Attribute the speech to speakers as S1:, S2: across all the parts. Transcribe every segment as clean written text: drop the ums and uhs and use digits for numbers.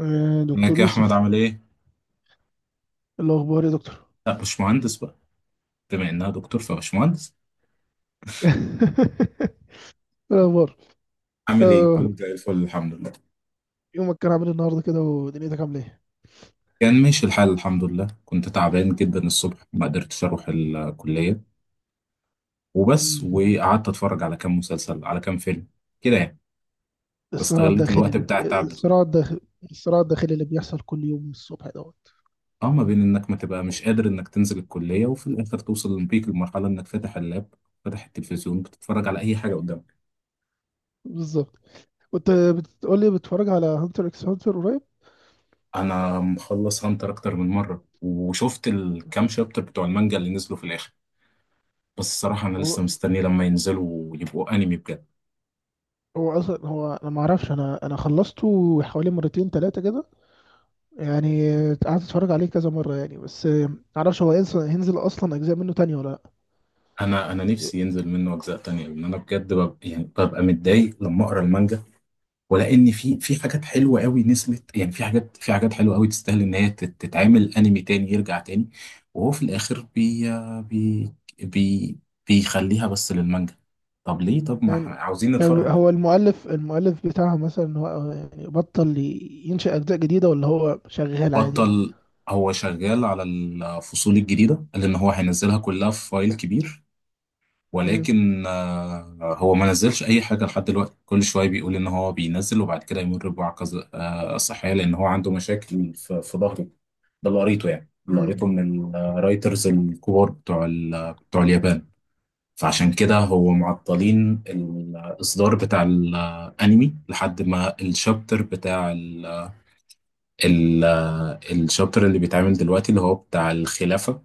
S1: آه،
S2: ازيك
S1: دكتور
S2: يا احمد؟
S1: يوسف.
S2: عامل ايه؟
S1: إيه الأخبار يا دكتور؟
S2: لا مش مهندس بقى. بما انها دكتور فمش مهندس.
S1: إيه الأخبار؟
S2: عامل ايه؟
S1: آه،
S2: كله زي الفل الحمد لله.
S1: يومك كان عامل إيه النهاردة كده ودنيتك عاملة إيه؟
S2: كان ماشي الحال الحمد لله. كنت تعبان جدا الصبح ما قدرتش اروح الكلية وبس،
S1: مم.
S2: وقعدت اتفرج على كام مسلسل، على كام فيلم، كده يعني.
S1: الصراع
S2: استغليت
S1: الداخلي
S2: الوقت
S1: اللي بي...
S2: بتاع التعب ده.
S1: الصراع الداخلي الصراع الداخلي اللي بيحصل كل يوم الصبح دوت.
S2: اه، ما بين انك ما تبقى مش قادر انك تنزل الكلية، وفي الاخر توصل بيك لمرحلة انك فاتح اللاب، فاتح التلفزيون، بتتفرج على اي حاجة قدامك.
S1: بالظبط. وأنت بتقول لي بتتفرج على هانتر إكس هانتر قريب؟
S2: انا مخلص هانتر اكتر من مرة، وشفت الكام شابتر بتوع المانجا اللي نزلوا في الاخر. بس الصراحة أنا
S1: هو
S2: لسه مستني لما ينزلوا ويبقوا أنمي بجد.
S1: هو أصلا، هو أنا ما أعرفش، أنا خلصته حوالي مرتين تلاتة كده. يعني قعدت أتفرج عليه كذا مرة يعني، بس ما أعرفش هو هينزل أصلا أجزاء منه تانية ولا لأ.
S2: أنا نفسي ينزل منه أجزاء تانية، لأن أنا بجد ببقى يعني ببقى متضايق لما أقرأ المانجا. ولأن في حاجات حلوة قوي نزلت، يعني في حاجات حلوة قوي تستاهل إن هي تتعمل أنمي تاني، يرجع تاني. وهو في الآخر بي بي بي بيخليها بس للمانجا. طب ليه؟ طب ما
S1: أم،
S2: إحنا عاوزين
S1: طب
S2: نتفرج.
S1: هو المؤلف بتاعها مثلا، هو يعني بطل ينشئ أجزاء جديدة ولا هو شغال عادي؟
S2: بطل، هو شغال على الفصول الجديدة، لأن هو هينزلها كلها في فايل كبير.
S1: مم.
S2: ولكن هو ما نزلش اي حاجه لحد دلوقتي. كل شويه بيقول ان هو بينزل، وبعد كده يمر بوعكه صحيه، لان هو عنده مشاكل في ظهره. ده اللي قريته، يعني اللي
S1: مم.
S2: قريته من الرايترز الكبار بتوع اليابان. فعشان كده هو معطلين الاصدار بتاع الانمي لحد ما الشابتر بتاع ال- ال- آه، الشابتر اللي بيتعمل دلوقتي اللي هو بتاع الخلافه،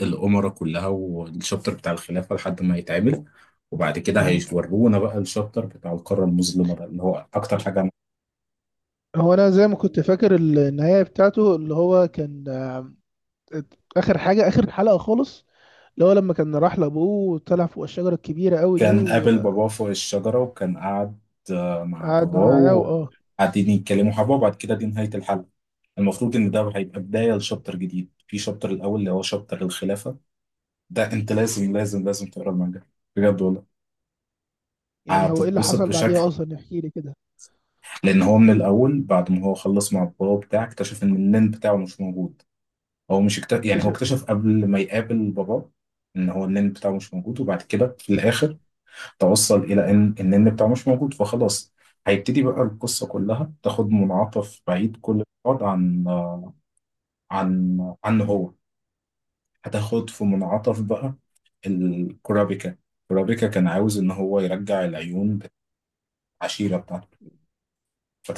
S2: الأمرة كلها. والشابتر بتاع الخلافة لحد ما يتعمل، وبعد كده
S1: مم.
S2: هيورونا بقى الشابتر بتاع القارة المظلمة، ده اللي هو أكتر حاجة عمل.
S1: هو أنا زي ما كنت فاكر النهاية بتاعته، اللي هو كان آخر حاجة، آخر حلقة خالص، اللي هو لما كان راح لأبوه وطلع فوق الشجرة الكبيرة أوي دي
S2: كان قابل
S1: وقعد
S2: باباه فوق الشجرة، وكان قاعد مع باباه
S1: معاه وآه.
S2: وقاعدين يتكلموا حبة، وبعد كده دي نهاية الحلقة. المفروض إن ده هيبقى بداية لشابتر جديد، في شابتر الأول اللي هو شابتر الخلافة. ده أنت لازم لازم لازم تقرا المانجا، بجد والله.
S1: يعني هو إيه اللي
S2: هتتبسط
S1: حصل
S2: بشكل،
S1: بعديها أصلا؟ احكي لي كده.
S2: لأن هو من الأول بعد ما هو خلص مع باباه بتاعه اكتشف إن النين بتاعه مش موجود. هو مش اكت... يعني هو
S1: اكتشف-
S2: اكتشف قبل ما يقابل باباه ان هو النن بتاعه مش موجود، وبعد كده في الاخر توصل الى ان النن بتاعه مش موجود، فخلاص هيبتدي بقى القصة كلها تاخد منعطف بعيد كل بعد عن عنه هو. هتاخد في منعطف بقى. الكورابيكا، كورابيكا كان عاوز ان هو يرجع العيون بتاع العشيرة بتاعته،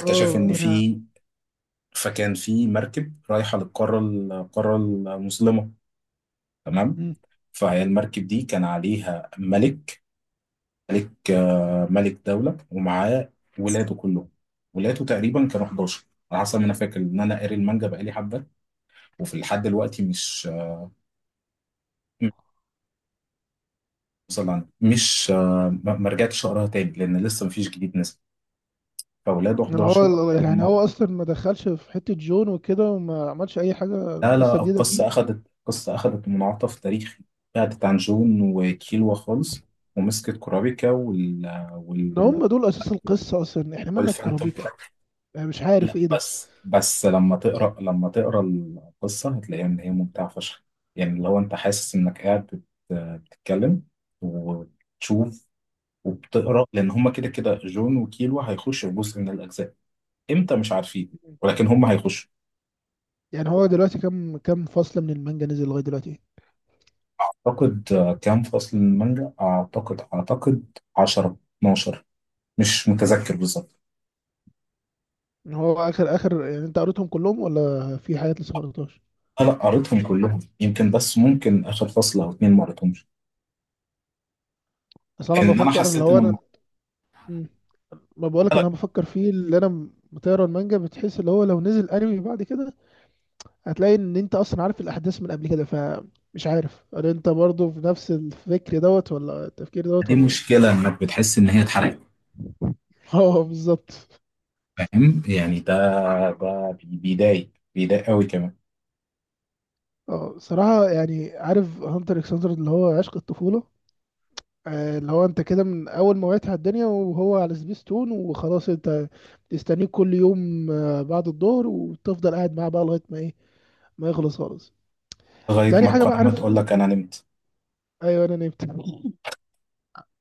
S1: اه،
S2: ان
S1: ده انا.
S2: في، فكان في مركب رايحة للقارة، القارة المظلمة، تمام.
S1: مم.
S2: فهي المركب دي كان عليها ملك، ملك ملك دولة، ومعاه ولاده كلهم. ولاده تقريبا كانوا 11 على حسب ما انا فاكر، ان انا قاري المانجا بقالي حبه، وفي لحد دلوقتي مش وصل عنها. مش آه، ما رجعتش اقراها تاني لان لسه مفيش جديد نزل. فولاده
S1: يعني
S2: 11.
S1: هو يعني
S2: هم،
S1: هو اصلا ما دخلش في حته جون وكده وما عملش اي حاجه
S2: لا
S1: قصه
S2: لا،
S1: جديده فيه؟
S2: القصه اخذت منعطف تاريخي. بعدت عن جون وكيلوا خالص، ومسكت كورابيكا
S1: ان هم دول اساس القصه اصلا، احنا مالنا
S2: والفانتوم.
S1: بكورابيكا؟ انا مش عارف
S2: لا،
S1: ايه ده.
S2: بس لما تقرا، لما تقرا القصه هتلاقيها ان هي ممتعه فشخ. يعني اللي هو انت حاسس انك قاعد بتتكلم وبتشوف وبتقرا، لان هما كده كده جون وكيلو هيخشوا في جزء من الاجزاء. امتى مش عارفين، ولكن هما هيخشوا.
S1: يعني هو دلوقتي كم فصل من المانجا نزل لغايه دلوقتي؟
S2: اعتقد، كام فصل من المانجا؟ اعتقد، اعتقد 10، 12. مش متذكر بالظبط.
S1: إن هو اخر يعني، انت قريتهم كلهم ولا في حاجات لسه ما قريتهاش؟
S2: آه، لا قريتهم كلهم، يمكن بس ممكن اخر فصل او اتنين ما قريتهمش.
S1: اصل انا
S2: ان انا
S1: بفكر اللي
S2: حسيت
S1: هو
S2: ان
S1: انا.
S2: الموضوع-
S1: مم. ما بقولك
S2: لا،
S1: ان انا بفكر فيه، اللي انا بتقرا المانجا بتحس اللي هو لو نزل انمي بعد كده، هتلاقي ان انت اصلا عارف الاحداث من قبل كده، فمش عارف هل انت برضو في نفس الفكر دوت ولا التفكير دوت
S2: دي
S1: ولا.
S2: مشكله انك بتحس ان هي اتحرقت.
S1: اه، بالظبط.
S2: فاهم يعني؟ ده، ده بيضايق، بيضايق قوي كمان.
S1: اه صراحة، يعني عارف هانتر اكس هانتر اللي هو عشق الطفولة، اللي هو انت كده من اول ما وعيت على الدنيا وهو على سبيستون، وخلاص انت تستنيه كل يوم بعد الظهر وتفضل قاعد معاه بقى لغاية ما ايه، ما يخلص خالص.
S2: لغايه
S1: تاني
S2: ما
S1: حاجة بقى،
S2: القناه ما
S1: عارف،
S2: تقول لك انا نمت.
S1: ايوه انا نمت.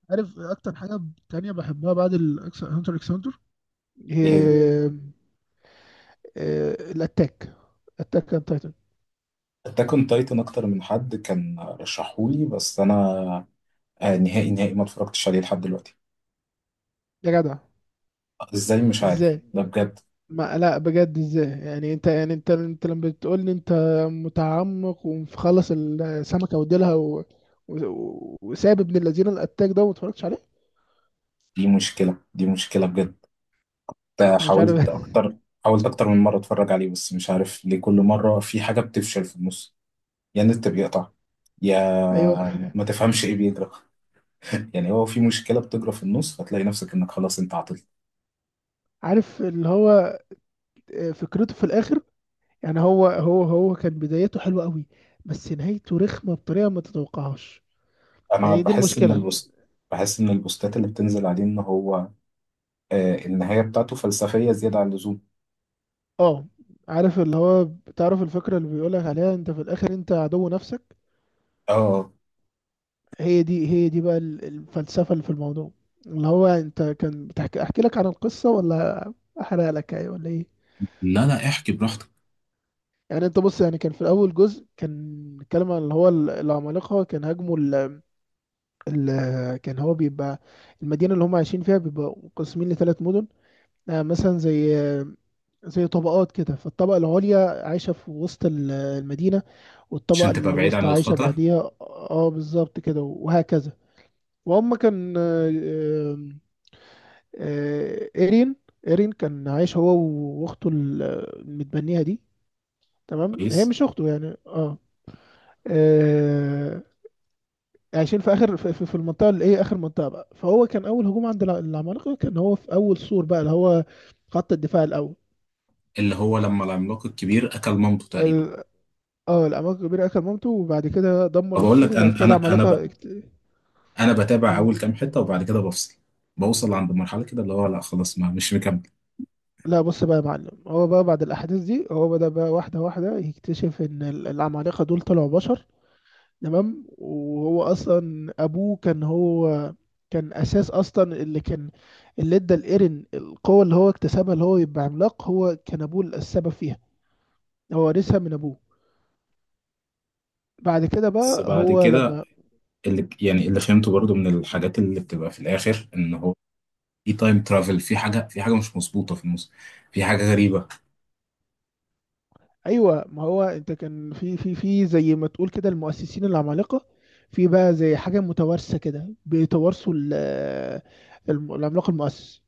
S1: عارف اكتر حاجة تانية بحبها بعد هانتر اكس هانتر،
S2: ايه هي؟
S1: هي آه، الاتاك اتاك اون تايتن.
S2: اتاك اون تايتن اكتر من حد كان رشحولي، بس انا نهائي نهائي ما اتفرجتش عليه لحد دلوقتي.
S1: يا جدع،
S2: ازاي؟ مش عارف
S1: ازاي؟
S2: ده بجد.
S1: ما لا، بجد ازاي؟ يعني انت، يعني انت لما بتقول لي انت متعمق ومخلص السمكه وديلها وساب ابن الذين الاتاك ده وما اتفرجتش عليه؟
S2: دي مشكله، دي مشكله بجد. ده
S1: انا مش عارف.
S2: حاولت اكتر حاولت اكتر من مره اتفرج عليه، بس مش عارف ليه كل مره في حاجه بتفشل في النص. يا النت بيقطع، يا
S1: ايوه.
S2: ما تفهمش ايه بيجرى. يعني هو في مشكله بتجرى في النص، فتلاقي نفسك انك خلاص انت عطلت.
S1: عارف اللي هو، فكرته في الاخر، يعني هو كان بدايته حلوه قوي، بس نهايته رخمه بطريقه ما تتوقعهاش.
S2: انا
S1: يعني دي
S2: بحس ان
S1: المشكله.
S2: البوست بحس ان البوستات اللي بتنزل عليه ان هو النهايه بتاعته فلسفيه زياده عن اللزوم.
S1: اه، عارف اللي هو، بتعرف الفكره اللي بيقولك عليها، انت في الاخر انت عدو نفسك.
S2: اه،
S1: هي دي بقى الفلسفة اللي في الموضوع، اللي هو انت كان احكي لك عن القصة ولا احرق لك ايه ولا ايه؟
S2: لا لا، احكي براحتك.
S1: يعني انت بص، يعني كان في الاول جزء كان بيتكلم عن اللي هو العمالقة كان هاجموا كان هو بيبقى المدينة اللي هم عايشين فيها بيبقى مقسمين لثلاث مدن. مثلا زي طبقات كده، فالطبقة العليا عايشة في وسط المدينة، والطبقة
S2: عشان تبقى بعيد عن
S1: الوسطى عايشة
S2: الخطر.
S1: بعديها، اه بالظبط كده، وهكذا. وهم كان آه، ايرين ايرين كان عايش هو واخته المتبنية دي. تمام، هي
S2: كويس.
S1: مش اخته يعني، اه, آه. عايشين في اخر، في المنطقه اللي ايه، اخر منطقه بقى، فهو كان اول هجوم عند العمالقه كان هو في اول سور بقى اللي هو خط الدفاع الاول.
S2: اللي هو لما العملاق الكبير اكل مامته تقريبا.
S1: ال- اه العمالقه الكبيره اكل مامته، وبعد كده دمر
S2: فبقول
S1: السور،
S2: لك
S1: وبعد كده
S2: انا بتابع
S1: مم.
S2: اول كام حته وبعد كده بفصل. بوصل عند مرحله كده اللي هو لا خلاص ما مش مكمل.
S1: لا، بص بقى يا معلم، هو بقى بعد الاحداث دي هو بدأ بقى واحده واحده يكتشف ان العمالقه دول طلعوا بشر. تمام. وهو اصلا ابوه كان هو كان اساس اصلا اللي كان، اللي ادى الايرن القوه اللي هو اكتسبها اللي هو يبقى عملاق، هو كان ابوه السبب فيها. هو ورثها من ابوه. بعد كده
S2: بس
S1: بقى
S2: بعد
S1: هو
S2: كده
S1: لما.
S2: اللي يعني اللي فهمته برضو من الحاجات اللي بتبقى في الاخر ان هو في تايم ترافل. في حاجه، في حاجه مش مظبوطه في النص. في حاجه غريبه.
S1: ايوه، ما هو انت كان في زي ما تقول كده المؤسسين العمالقه، في بقى زي حاجه متوارثه كده بيتوارثوا العملاق المؤسس.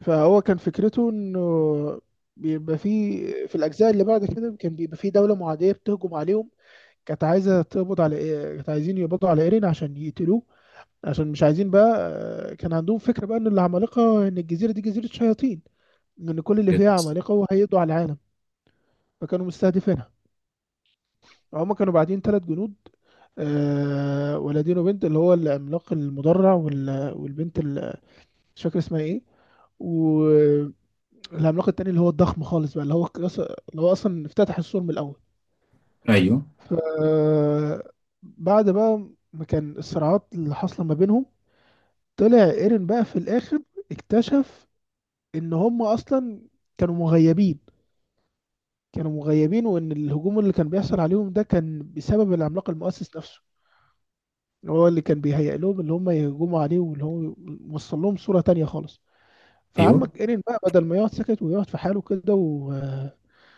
S1: فهو كان فكرته انه بيبقى في الاجزاء اللي بعد كده كان بيبقى في دوله معاديه بتهجم عليهم. كانت عايزه تقبض على إيه- كانت عايزين يقبضوا على ايرين عشان يقتلوه، عشان مش عايزين بقى، كان عندهم فكره بقى ان الجزيره دي جزيره شياطين، ان كل اللي فيها عمالقه وهيقضوا على العالم، فكانوا مستهدفينها. هما كانوا بعدين ثلاث جنود، ولدين وبنت، اللي هو العملاق المدرع والبنت اللي مش فاكر اسمها ايه، و- العملاق التاني اللي هو الضخم خالص بقى اللي هو اللي هو اصلا افتتح السور من الاول.
S2: ايوه،
S1: ف بعد بقى ما كان الصراعات اللي حاصله ما بينهم، طلع ايرين بقى في الاخر اكتشف ان هم اصلا كانوا مغيبين. كانوا مغيبين، وان الهجوم اللي كان بيحصل عليهم ده كان بسبب العملاق المؤسس نفسه، هو اللي كان بيهيئ لهم اللي هم يهجموا عليه، واللي هو وصل لهم صوره تانية خالص.
S2: ايوه
S1: فعمك ايرين بقى بدل ما يقعد ساكت ويقعد في حاله كده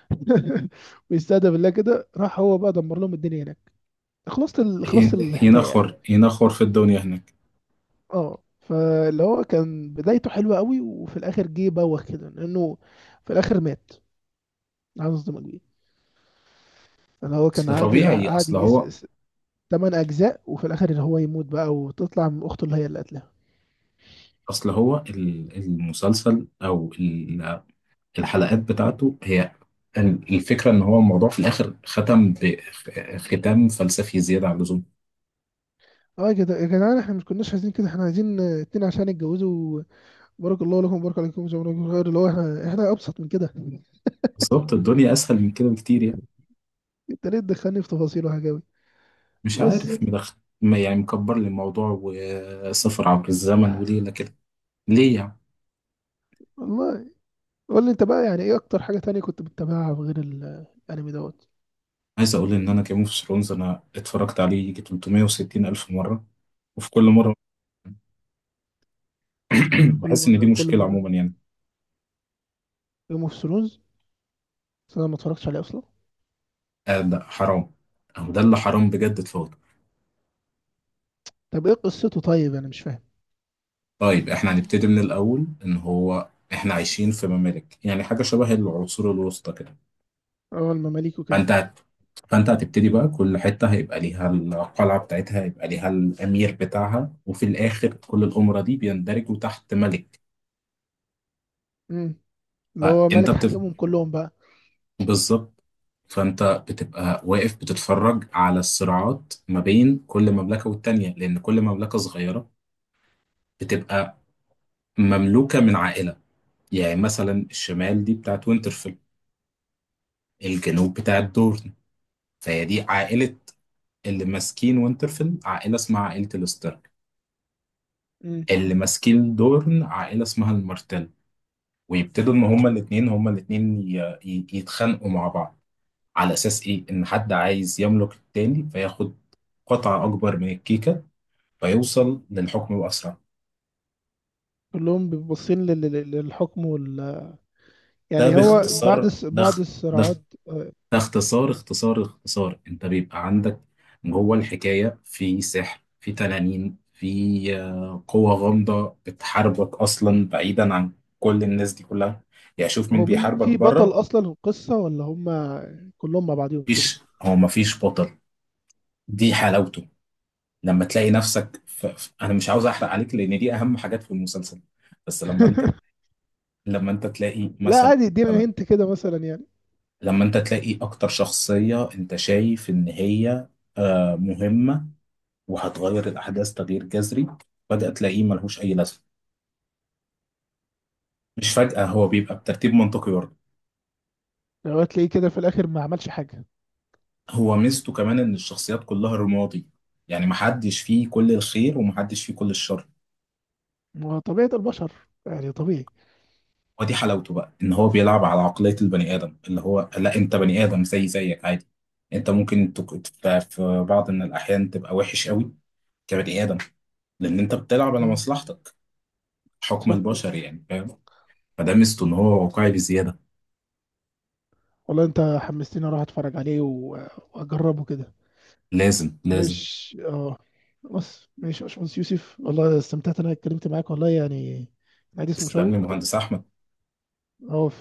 S1: ويستهدف الله كده، راح هو بقى دمر لهم الدنيا هناك. خلصت
S2: ي-
S1: الحكايه يعني.
S2: ينخر في الدنيا هناك.
S1: اه، فاللي هو كان بدايته حلوه قوي وفي الاخر جه بوخ كده، لانه في الاخر مات. عايز اصدمك بيه، اللي هو كان
S2: اصل
S1: قعد
S2: طبيعي.
S1: قعد يجي تمن اجزاء، وفي الاخر اللي هو يموت بقى وتطلع من اخته اللي هي اللي قتلها.
S2: اصل هو المسلسل او الحلقات بتاعته، هي الفكره ان هو الموضوع في الاخر ختم بختام فلسفي زياده عن اللزوم.
S1: اه، يا جدعان، احنا مش كناش عايزين كده، احنا عايزين اتنين عشان يتجوزوا، بارك الله لكم وبارك عليكم، جزاكم الله خير، اللي هو احنا ابسط من كده.
S2: بالظبط، الدنيا اسهل من كده بكتير يعني.
S1: انت ليه تدخلني في تفاصيل وحاجه قوي؟
S2: مش
S1: بس
S2: عارف مدخل. ما يعني مكبر لي الموضوع، وسفر عبر الزمن وليله كده. ليه يعني.
S1: والله. قول لي انت بقى، يعني ايه اكتر حاجة تانية كنت بتتابعها غير الانمي دوت؟
S2: عايز اقول ان انا جيم اوف ثرونز انا اتفرجت عليه يجي 360 الف مره، وفي كل مره
S1: كل
S2: بحس ان دي
S1: مرة، كل
S2: مشكله
S1: مرة.
S2: عموما يعني.
S1: جيم اوف ثرونز؟ بس انا ما اتفرجتش عليه اصلا.
S2: آه، ده حرام، او ده اللي حرام بجد، اتفضل.
S1: طب ايه قصته؟ طيب انا مش فاهم.
S2: طيب احنا هنبتدي من الاول. ان هو احنا عايشين في ممالك يعني، حاجه شبه العصور الوسطى كده.
S1: اه، المماليك وكده.
S2: فانت هت... فانت هتبتدي بقى، كل حته هيبقى ليها القلعه بتاعتها، هيبقى ليها الامير بتاعها، وفي الاخر كل الامره دي بيندرجوا تحت ملك.
S1: امم. اللي هو
S2: فانت
S1: ملك
S2: بت...
S1: حاكمهم كلهم بقى.
S2: بالظبط. فانت بتبقى واقف بتتفرج على الصراعات ما بين كل مملكه والتانيه، لان كل مملكه صغيره بتبقى مملوكة من عائلة. يعني مثلا الشمال دي بتاعت وينترفيل، الجنوب بتاعت دورن. فهي دي عائلة. اللي ماسكين وينترفيل عائلة اسمها عائلة الستارك.
S1: امم.
S2: اللي ماسكين دورن عائلة اسمها المارتل. ويبتدوا ان هما الاتنين يتخانقوا مع بعض. على اساس ايه؟ ان حد عايز يملك التاني، فياخد قطعة اكبر من الكيكة، فيوصل للحكم باسرع.
S1: كلهم بيبقوا باصين للحكم وال.
S2: ده
S1: يعني هو بعد
S2: باختصار. ده
S1: بعد
S2: ده
S1: الصراعات، آه،
S2: اختصار اختصار اختصار. انت بيبقى عندك جوه الحكاية في سحر، في تنانين، في قوة غامضة بتحاربك أصلا بعيدا عن كل الناس دي كلها. يعني شوف مين
S1: هو مين
S2: بيحاربك
S1: في بطل
S2: بره.
S1: اصلا القصة ولا هم كلهم مع بعضهم كده؟
S2: مفيش، هو مفيش بطل. دي حلاوته. لما تلاقي نفسك أنا مش عاوز أحرق عليك، لأن دي أهم حاجات في المسلسل. بس لما أنت، لما أنت تلاقي
S1: لا
S2: مثلا
S1: عادي، ادينا
S2: مثلا
S1: هنت كده مثلا يعني.
S2: لما أنت تلاقي أكتر شخصية أنت شايف إن هي مهمة وهتغير الأحداث تغيير جذري، بدأ تلاقيه ملهوش أي لازمة. مش فجأة، هو بيبقى بترتيب منطقي برضه.
S1: لو هتلاقيه كده في الاخر ما عملش حاجة.
S2: هو ميزته كمان إن الشخصيات كلها رمادي، يعني محدش فيه كل الخير ومحدش فيه كل الشر.
S1: ما هو طبيعة البشر يعني، طبيعي.
S2: ودي حلاوته بقى، إن هو بيلعب على عقلية البني آدم اللي هو لا أنت بني آدم زي زيك عادي. أنت ممكن في بعض من الأحيان تبقى وحش قوي كبني آدم، لأن أنت بتلعب على
S1: مم.
S2: مصلحتك. حكم
S1: صح.
S2: البشر يعني. فاهم؟ فده ميزته إن هو واقعي بزيادة.
S1: والله انت حمستني اروح اتفرج عليه واجربه كده.
S2: لازم لازم.
S1: ماشي، اه. بس ماشي يا باشمهندس يوسف، والله استمتعت إن انا اتكلمت معاك، والله يعني الحديث
S2: تسلم لي
S1: مشوق.
S2: مهندس أحمد.
S1: اه،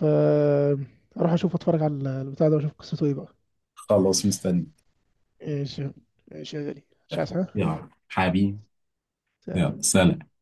S1: اروح اشوف، اتفرج على البتاع ده واشوف قصته ايه بقى.
S2: خلاص مستني.
S1: ماشي. ماشي يا غالي. مش عايز حاجه.
S2: يلا حبيبي.
S1: سلام.
S2: يلا سلام.